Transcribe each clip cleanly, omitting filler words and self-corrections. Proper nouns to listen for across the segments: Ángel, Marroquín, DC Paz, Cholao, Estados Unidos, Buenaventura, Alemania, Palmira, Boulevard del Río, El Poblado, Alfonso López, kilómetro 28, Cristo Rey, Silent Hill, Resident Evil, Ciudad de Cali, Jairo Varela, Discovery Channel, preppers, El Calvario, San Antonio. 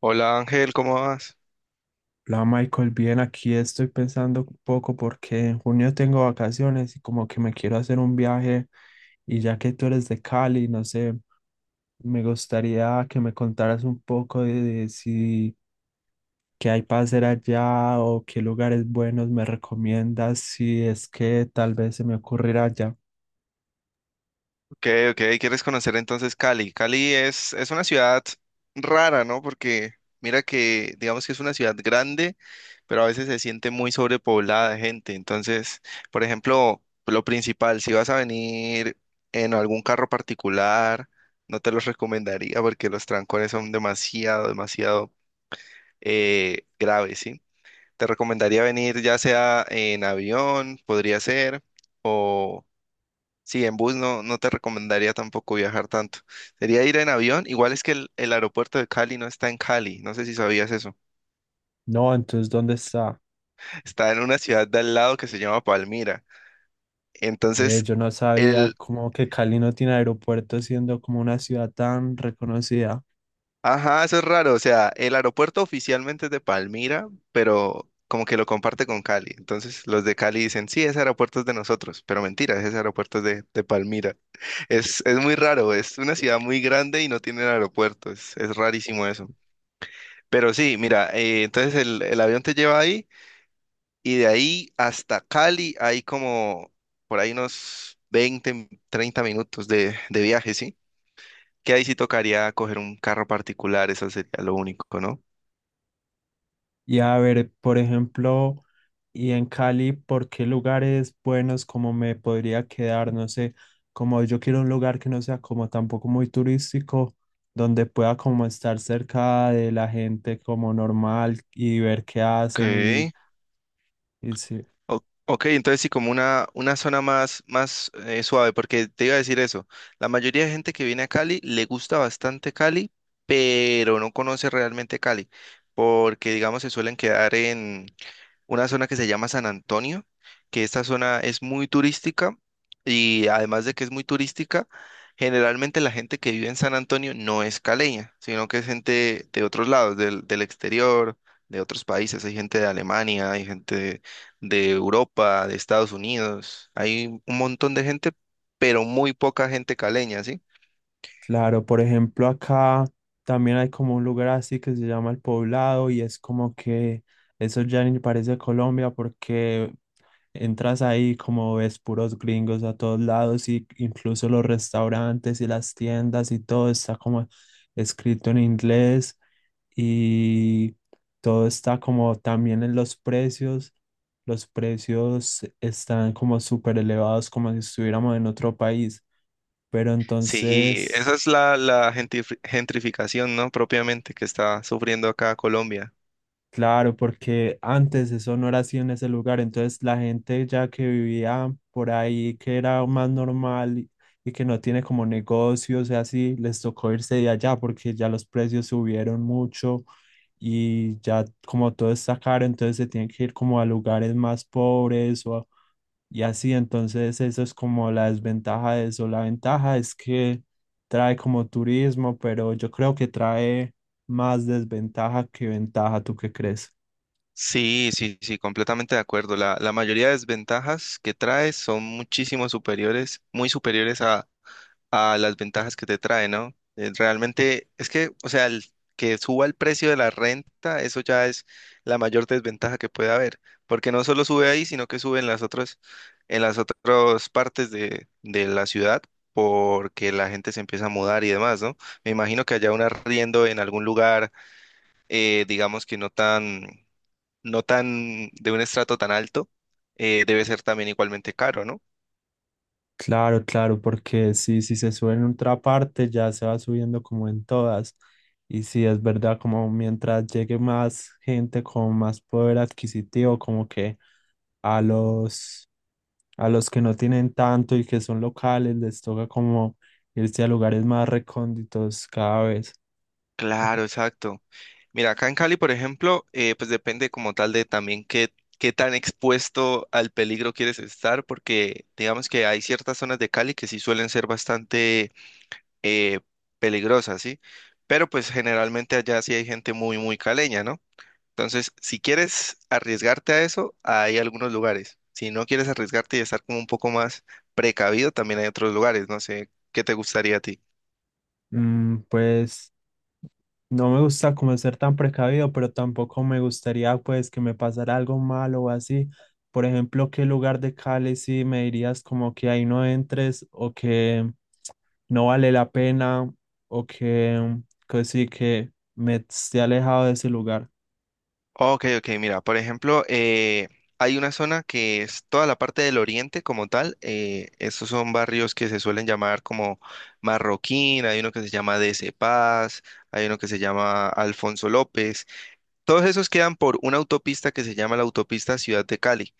Hola Ángel, ¿cómo vas? La Michael, bien, aquí estoy pensando un poco porque en junio tengo vacaciones y como que me quiero hacer un viaje, y ya que tú eres de Cali, no sé, me gustaría que me contaras un poco de si qué hay para hacer allá o qué lugares buenos me recomiendas, si es que tal vez se me ocurrirá allá. Ok, ok, ¿quieres conocer entonces Cali? Cali es una ciudad rara, ¿no? Porque mira que digamos que es una ciudad grande, pero a veces se siente muy sobrepoblada de gente. Entonces, por ejemplo, lo principal, si vas a venir en algún carro particular, no te los recomendaría porque los trancones son demasiado, demasiado graves, ¿sí? Te recomendaría venir ya sea en avión, podría ser, o sí, en bus no, no te recomendaría tampoco viajar tanto. Sería ir en avión. Igual es que el aeropuerto de Cali no está en Cali. No sé si sabías eso. No, entonces, ¿dónde está? Está en una ciudad de al lado que se llama Palmira. Ve, Entonces, yo no sabía el... como que Cali no tiene aeropuerto siendo como una ciudad tan reconocida. ajá, eso es raro. O sea, el aeropuerto oficialmente es de Palmira, pero como que lo comparte con Cali. Entonces, los de Cali dicen, sí, ese aeropuerto es de nosotros. Pero mentira, ese aeropuerto es de Palmira. Es muy raro. Es una ciudad muy grande y no tiene aeropuerto. Es rarísimo eso. Pero sí, mira, entonces el avión te lleva ahí y de ahí hasta Cali hay como por ahí unos 20 30 minutos de viaje, ¿sí? Que ahí sí tocaría coger un carro particular, eso sería lo único, ¿no? Y a ver, por ejemplo... Y en Cali, ¿por qué lugares buenos como me podría quedar? No sé, como yo quiero un lugar que no sea como tampoco muy turístico, donde pueda como estar cerca de la gente como normal y ver qué hacen, y, Okay, y sí, ok, entonces sí, como una zona más, más suave, porque te iba a decir eso, la mayoría de gente que viene a Cali le gusta bastante Cali, pero no conoce realmente Cali, porque digamos se suelen quedar en una zona que se llama San Antonio, que esta zona es muy turística y además de que es muy turística, generalmente la gente que vive en San Antonio no es caleña, sino que es gente de otros lados, del exterior, de otros países. Hay gente de Alemania, hay gente de Europa, de Estados Unidos, hay un montón de gente, pero muy poca gente caleña, ¿sí? claro, por ejemplo, acá también hay como un lugar así que se llama El Poblado y es como que eso ya ni parece Colombia porque entras ahí como ves puros gringos a todos lados, y incluso los restaurantes y las tiendas y todo está como escrito en inglés, y todo está como también en los precios. Los precios están como súper elevados como si estuviéramos en otro país, pero Sí, esa entonces... es la gentrificación, ¿no? Propiamente que está sufriendo acá Colombia. Claro, porque antes eso no era así en ese lugar, entonces la gente ya que vivía por ahí, que era más normal y que no tiene como negocios y así, les tocó irse de allá porque ya los precios subieron mucho, y ya como todo está caro, entonces se tienen que ir como a lugares más pobres, o, y así, entonces eso es como la desventaja de eso. La ventaja es que trae como turismo, pero yo creo que trae más desventaja que ventaja, ¿tú qué crees? Sí, sí, sí, completamente de acuerdo. La mayoría de desventajas que trae son muchísimo superiores, muy superiores a las ventajas que te trae, ¿no? Realmente es que, o sea, el que suba el precio de la renta, eso ya es la mayor desventaja que puede haber, porque no solo sube ahí, sino que sube en las otras partes de la ciudad, porque la gente se empieza a mudar y demás, ¿no? Me imagino que haya un arriendo en algún lugar digamos que no tan, no tan de un estrato tan alto, debe ser también igualmente caro, ¿no? Claro, claro, porque si se sube en otra parte, ya se va subiendo como en todas. Y si es verdad, como mientras llegue más gente con más poder adquisitivo, como que a los, a los que no tienen tanto y que son locales, les toca como irse a lugares más recónditos cada vez. Claro, exacto. Mira, acá en Cali, por ejemplo, pues depende como tal de también qué, qué tan expuesto al peligro quieres estar, porque digamos que hay ciertas zonas de Cali que sí suelen ser bastante eh, peligrosas, ¿sí? Pero pues generalmente allá sí hay gente muy, muy caleña, ¿no? Entonces, si quieres arriesgarte a eso, hay algunos lugares. Si no quieres arriesgarte y estar como un poco más precavido, también hay otros lugares. No sé, ¿qué te gustaría a ti? Pues no me gusta como ser tan precavido, pero tampoco me gustaría pues que me pasara algo malo o así. Por ejemplo, ¿qué lugar de Cali sí me dirías como que ahí no entres, o que no vale la pena, o que sí que me esté alejado de ese lugar? Ok, ok, mira, por ejemplo, hay una zona que es toda la parte del oriente como tal. Estos son barrios que se suelen llamar como Marroquín, hay uno que se llama DC Paz, hay uno que se llama Alfonso López. Todos esos quedan por una autopista que se llama la autopista Ciudad de Cali.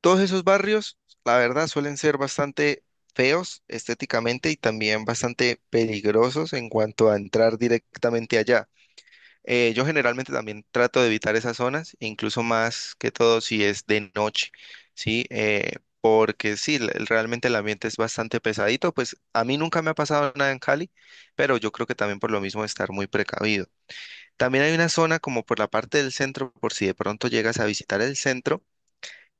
Todos esos barrios, la verdad, suelen ser bastante feos estéticamente y también bastante peligrosos en cuanto a entrar directamente allá. Yo generalmente también trato de evitar esas zonas, incluso más que todo si es de noche, ¿sí? Porque sí, realmente el ambiente es bastante pesadito. Pues a mí nunca me ha pasado nada en Cali, pero yo creo que también por lo mismo estar muy precavido. También hay una zona como por la parte del centro, por si de pronto llegas a visitar el centro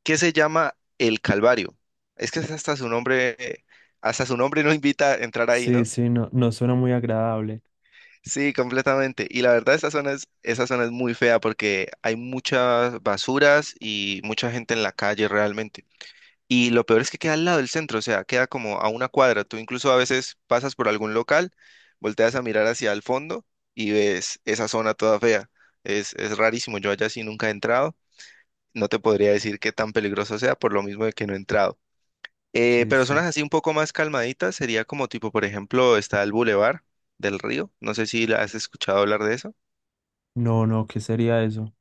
que se llama El Calvario. Es que es hasta su nombre no invita a entrar ahí, Sí, ¿no? sí, no, no suena muy agradable. Sí, completamente. Y la verdad, esa zona es muy fea porque hay muchas basuras y mucha gente en la calle realmente. Y lo peor es que queda al lado del centro, o sea, queda como a una cuadra. Tú incluso a veces pasas por algún local, volteas a mirar hacia el fondo y ves esa zona toda fea. Es rarísimo, yo allá sí nunca he entrado. No te podría decir qué tan peligroso sea por lo mismo de que no he entrado. Sí, Pero sí. zonas así un poco más calmaditas sería como tipo, por ejemplo, está el Boulevard del Río. No sé si la has escuchado hablar de eso. No, no, ¿qué sería eso?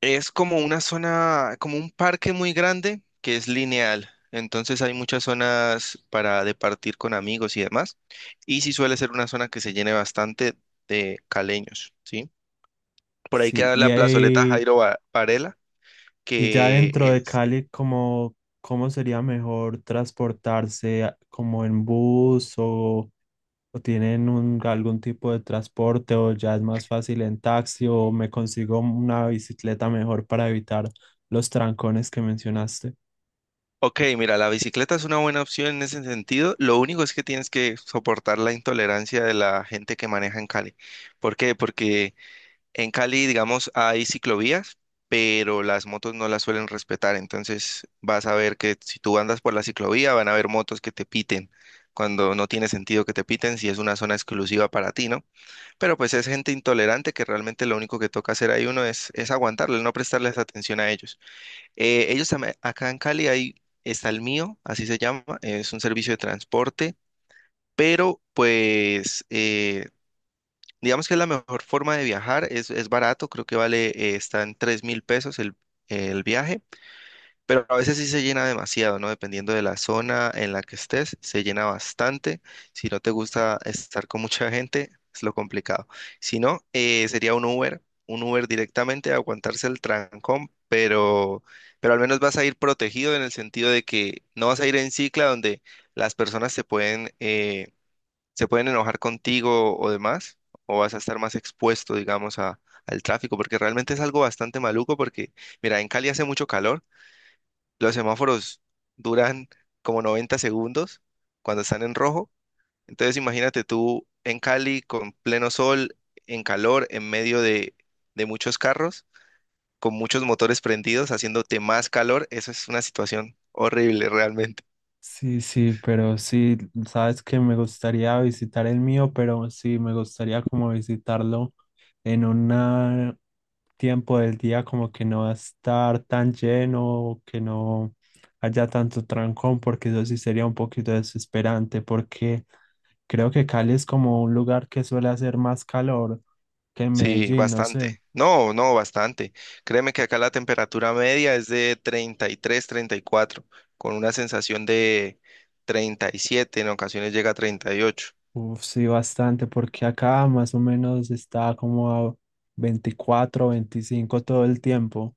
Es como una zona, como un parque muy grande que es lineal. Entonces hay muchas zonas para departir con amigos y demás. Y sí suele ser una zona que se llene bastante de caleños, ¿sí? Por ahí Sí, queda y la plazoleta ahí... Jairo Varela, Y ya que dentro de es Cali, ¿cómo, cómo sería mejor transportarse, a- como en bus, o tienen un, algún tipo de transporte, o ya es más fácil en taxi, o me consigo una bicicleta mejor para evitar los trancones que mencionaste? ok, mira, la bicicleta es una buena opción en ese sentido. Lo único es que tienes que soportar la intolerancia de la gente que maneja en Cali. ¿Por qué? Porque en Cali, digamos, hay ciclovías, pero las motos no las suelen respetar. Entonces vas a ver que si tú andas por la ciclovía, van a haber motos que te piten cuando no tiene sentido que te piten si es una zona exclusiva para ti, ¿no? Pero pues es gente intolerante que realmente lo único que toca hacer ahí uno es aguantarle, no prestarles atención a ellos. Ellos también, acá en Cali hay, está el mío, así se llama, es un servicio de transporte, pero pues digamos que es la mejor forma de viajar, es barato, creo que vale, está en $3.000 el viaje, pero a veces sí se llena demasiado, ¿no? Dependiendo de la zona en la que estés, se llena bastante. Si no te gusta estar con mucha gente, es lo complicado. Si no, sería un Uber directamente, aguantarse el trancón, pero al menos vas a ir protegido en el sentido de que no vas a ir en cicla donde las personas se pueden enojar contigo o demás, o vas a estar más expuesto, digamos, a, al tráfico, porque realmente es algo bastante maluco, porque, mira, en Cali hace mucho calor, los semáforos duran como 90 segundos cuando están en rojo. Entonces imagínate tú en Cali con pleno sol, en calor, en medio de muchos carros, con muchos motores prendidos, haciéndote más calor. Eso es una situación horrible realmente. Sí, sí, pero sí, sabes que me gustaría visitar el mío, pero sí, me gustaría como visitarlo en un tiempo del día como que no va a estar tan lleno, que no haya tanto trancón, porque eso sí sería un poquito desesperante, porque creo que Cali es como un lugar que suele hacer más calor que Sí, Medellín, no bastante. sé. No, no, bastante. Créeme que acá la temperatura media es de 33, 34, con una sensación de 37, en ocasiones llega a 38. Uf, sí, bastante, porque acá más o menos está como a 24, 25 todo el tiempo.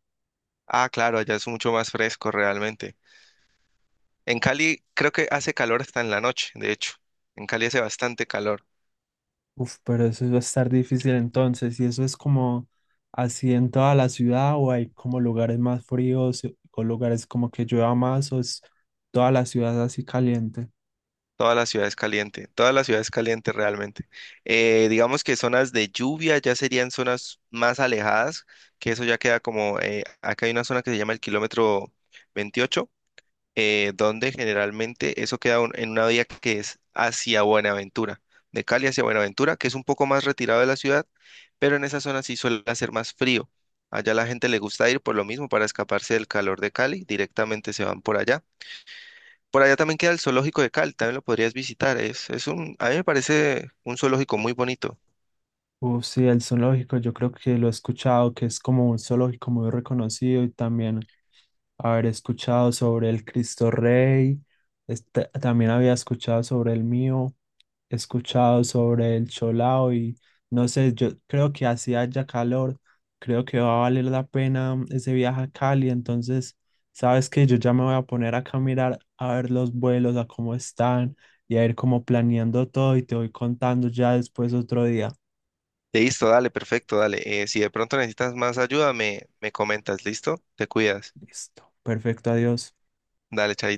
Ah, claro, allá es mucho más fresco realmente. En Cali creo que hace calor hasta en la noche, de hecho. En Cali hace bastante calor. Uf, pero eso va a estar difícil entonces. ¿Y eso es como así en toda la ciudad, o hay como lugares más fríos, o lugares como que llueva más, o es toda la ciudad así caliente? Toda la ciudad es caliente, toda la ciudad es caliente realmente. Digamos que zonas de lluvia ya serían zonas más alejadas, que eso ya queda como, acá hay una zona que se llama el kilómetro 28, donde generalmente eso queda en una vía que es hacia Buenaventura, de Cali hacia Buenaventura, que es un poco más retirado de la ciudad, pero en esa zona sí suele hacer más frío. Allá la gente le gusta ir por lo mismo para escaparse del calor de Cali, directamente se van por allá. Por allá también queda el zoológico de Cali, también lo podrías visitar. Es un, a mí me parece un zoológico muy bonito. Uf, sí, el zoológico, yo creo que lo he escuchado, que es como un zoológico muy reconocido, y también haber escuchado sobre el Cristo Rey, este, también había escuchado sobre el mío, escuchado sobre el Cholao y no sé, yo creo que así haya calor, creo que va a valer la pena, ese viaje a Cali, entonces, sabes que yo ya me voy a poner acá a mirar, a ver los vuelos, a cómo están y a ir como planeando todo y te voy contando ya después otro día. Listo, dale, perfecto, dale. Si de pronto necesitas más ayuda, me comentas, ¿listo? Te cuidas. Listo, perfecto, adiós. Dale, chaito.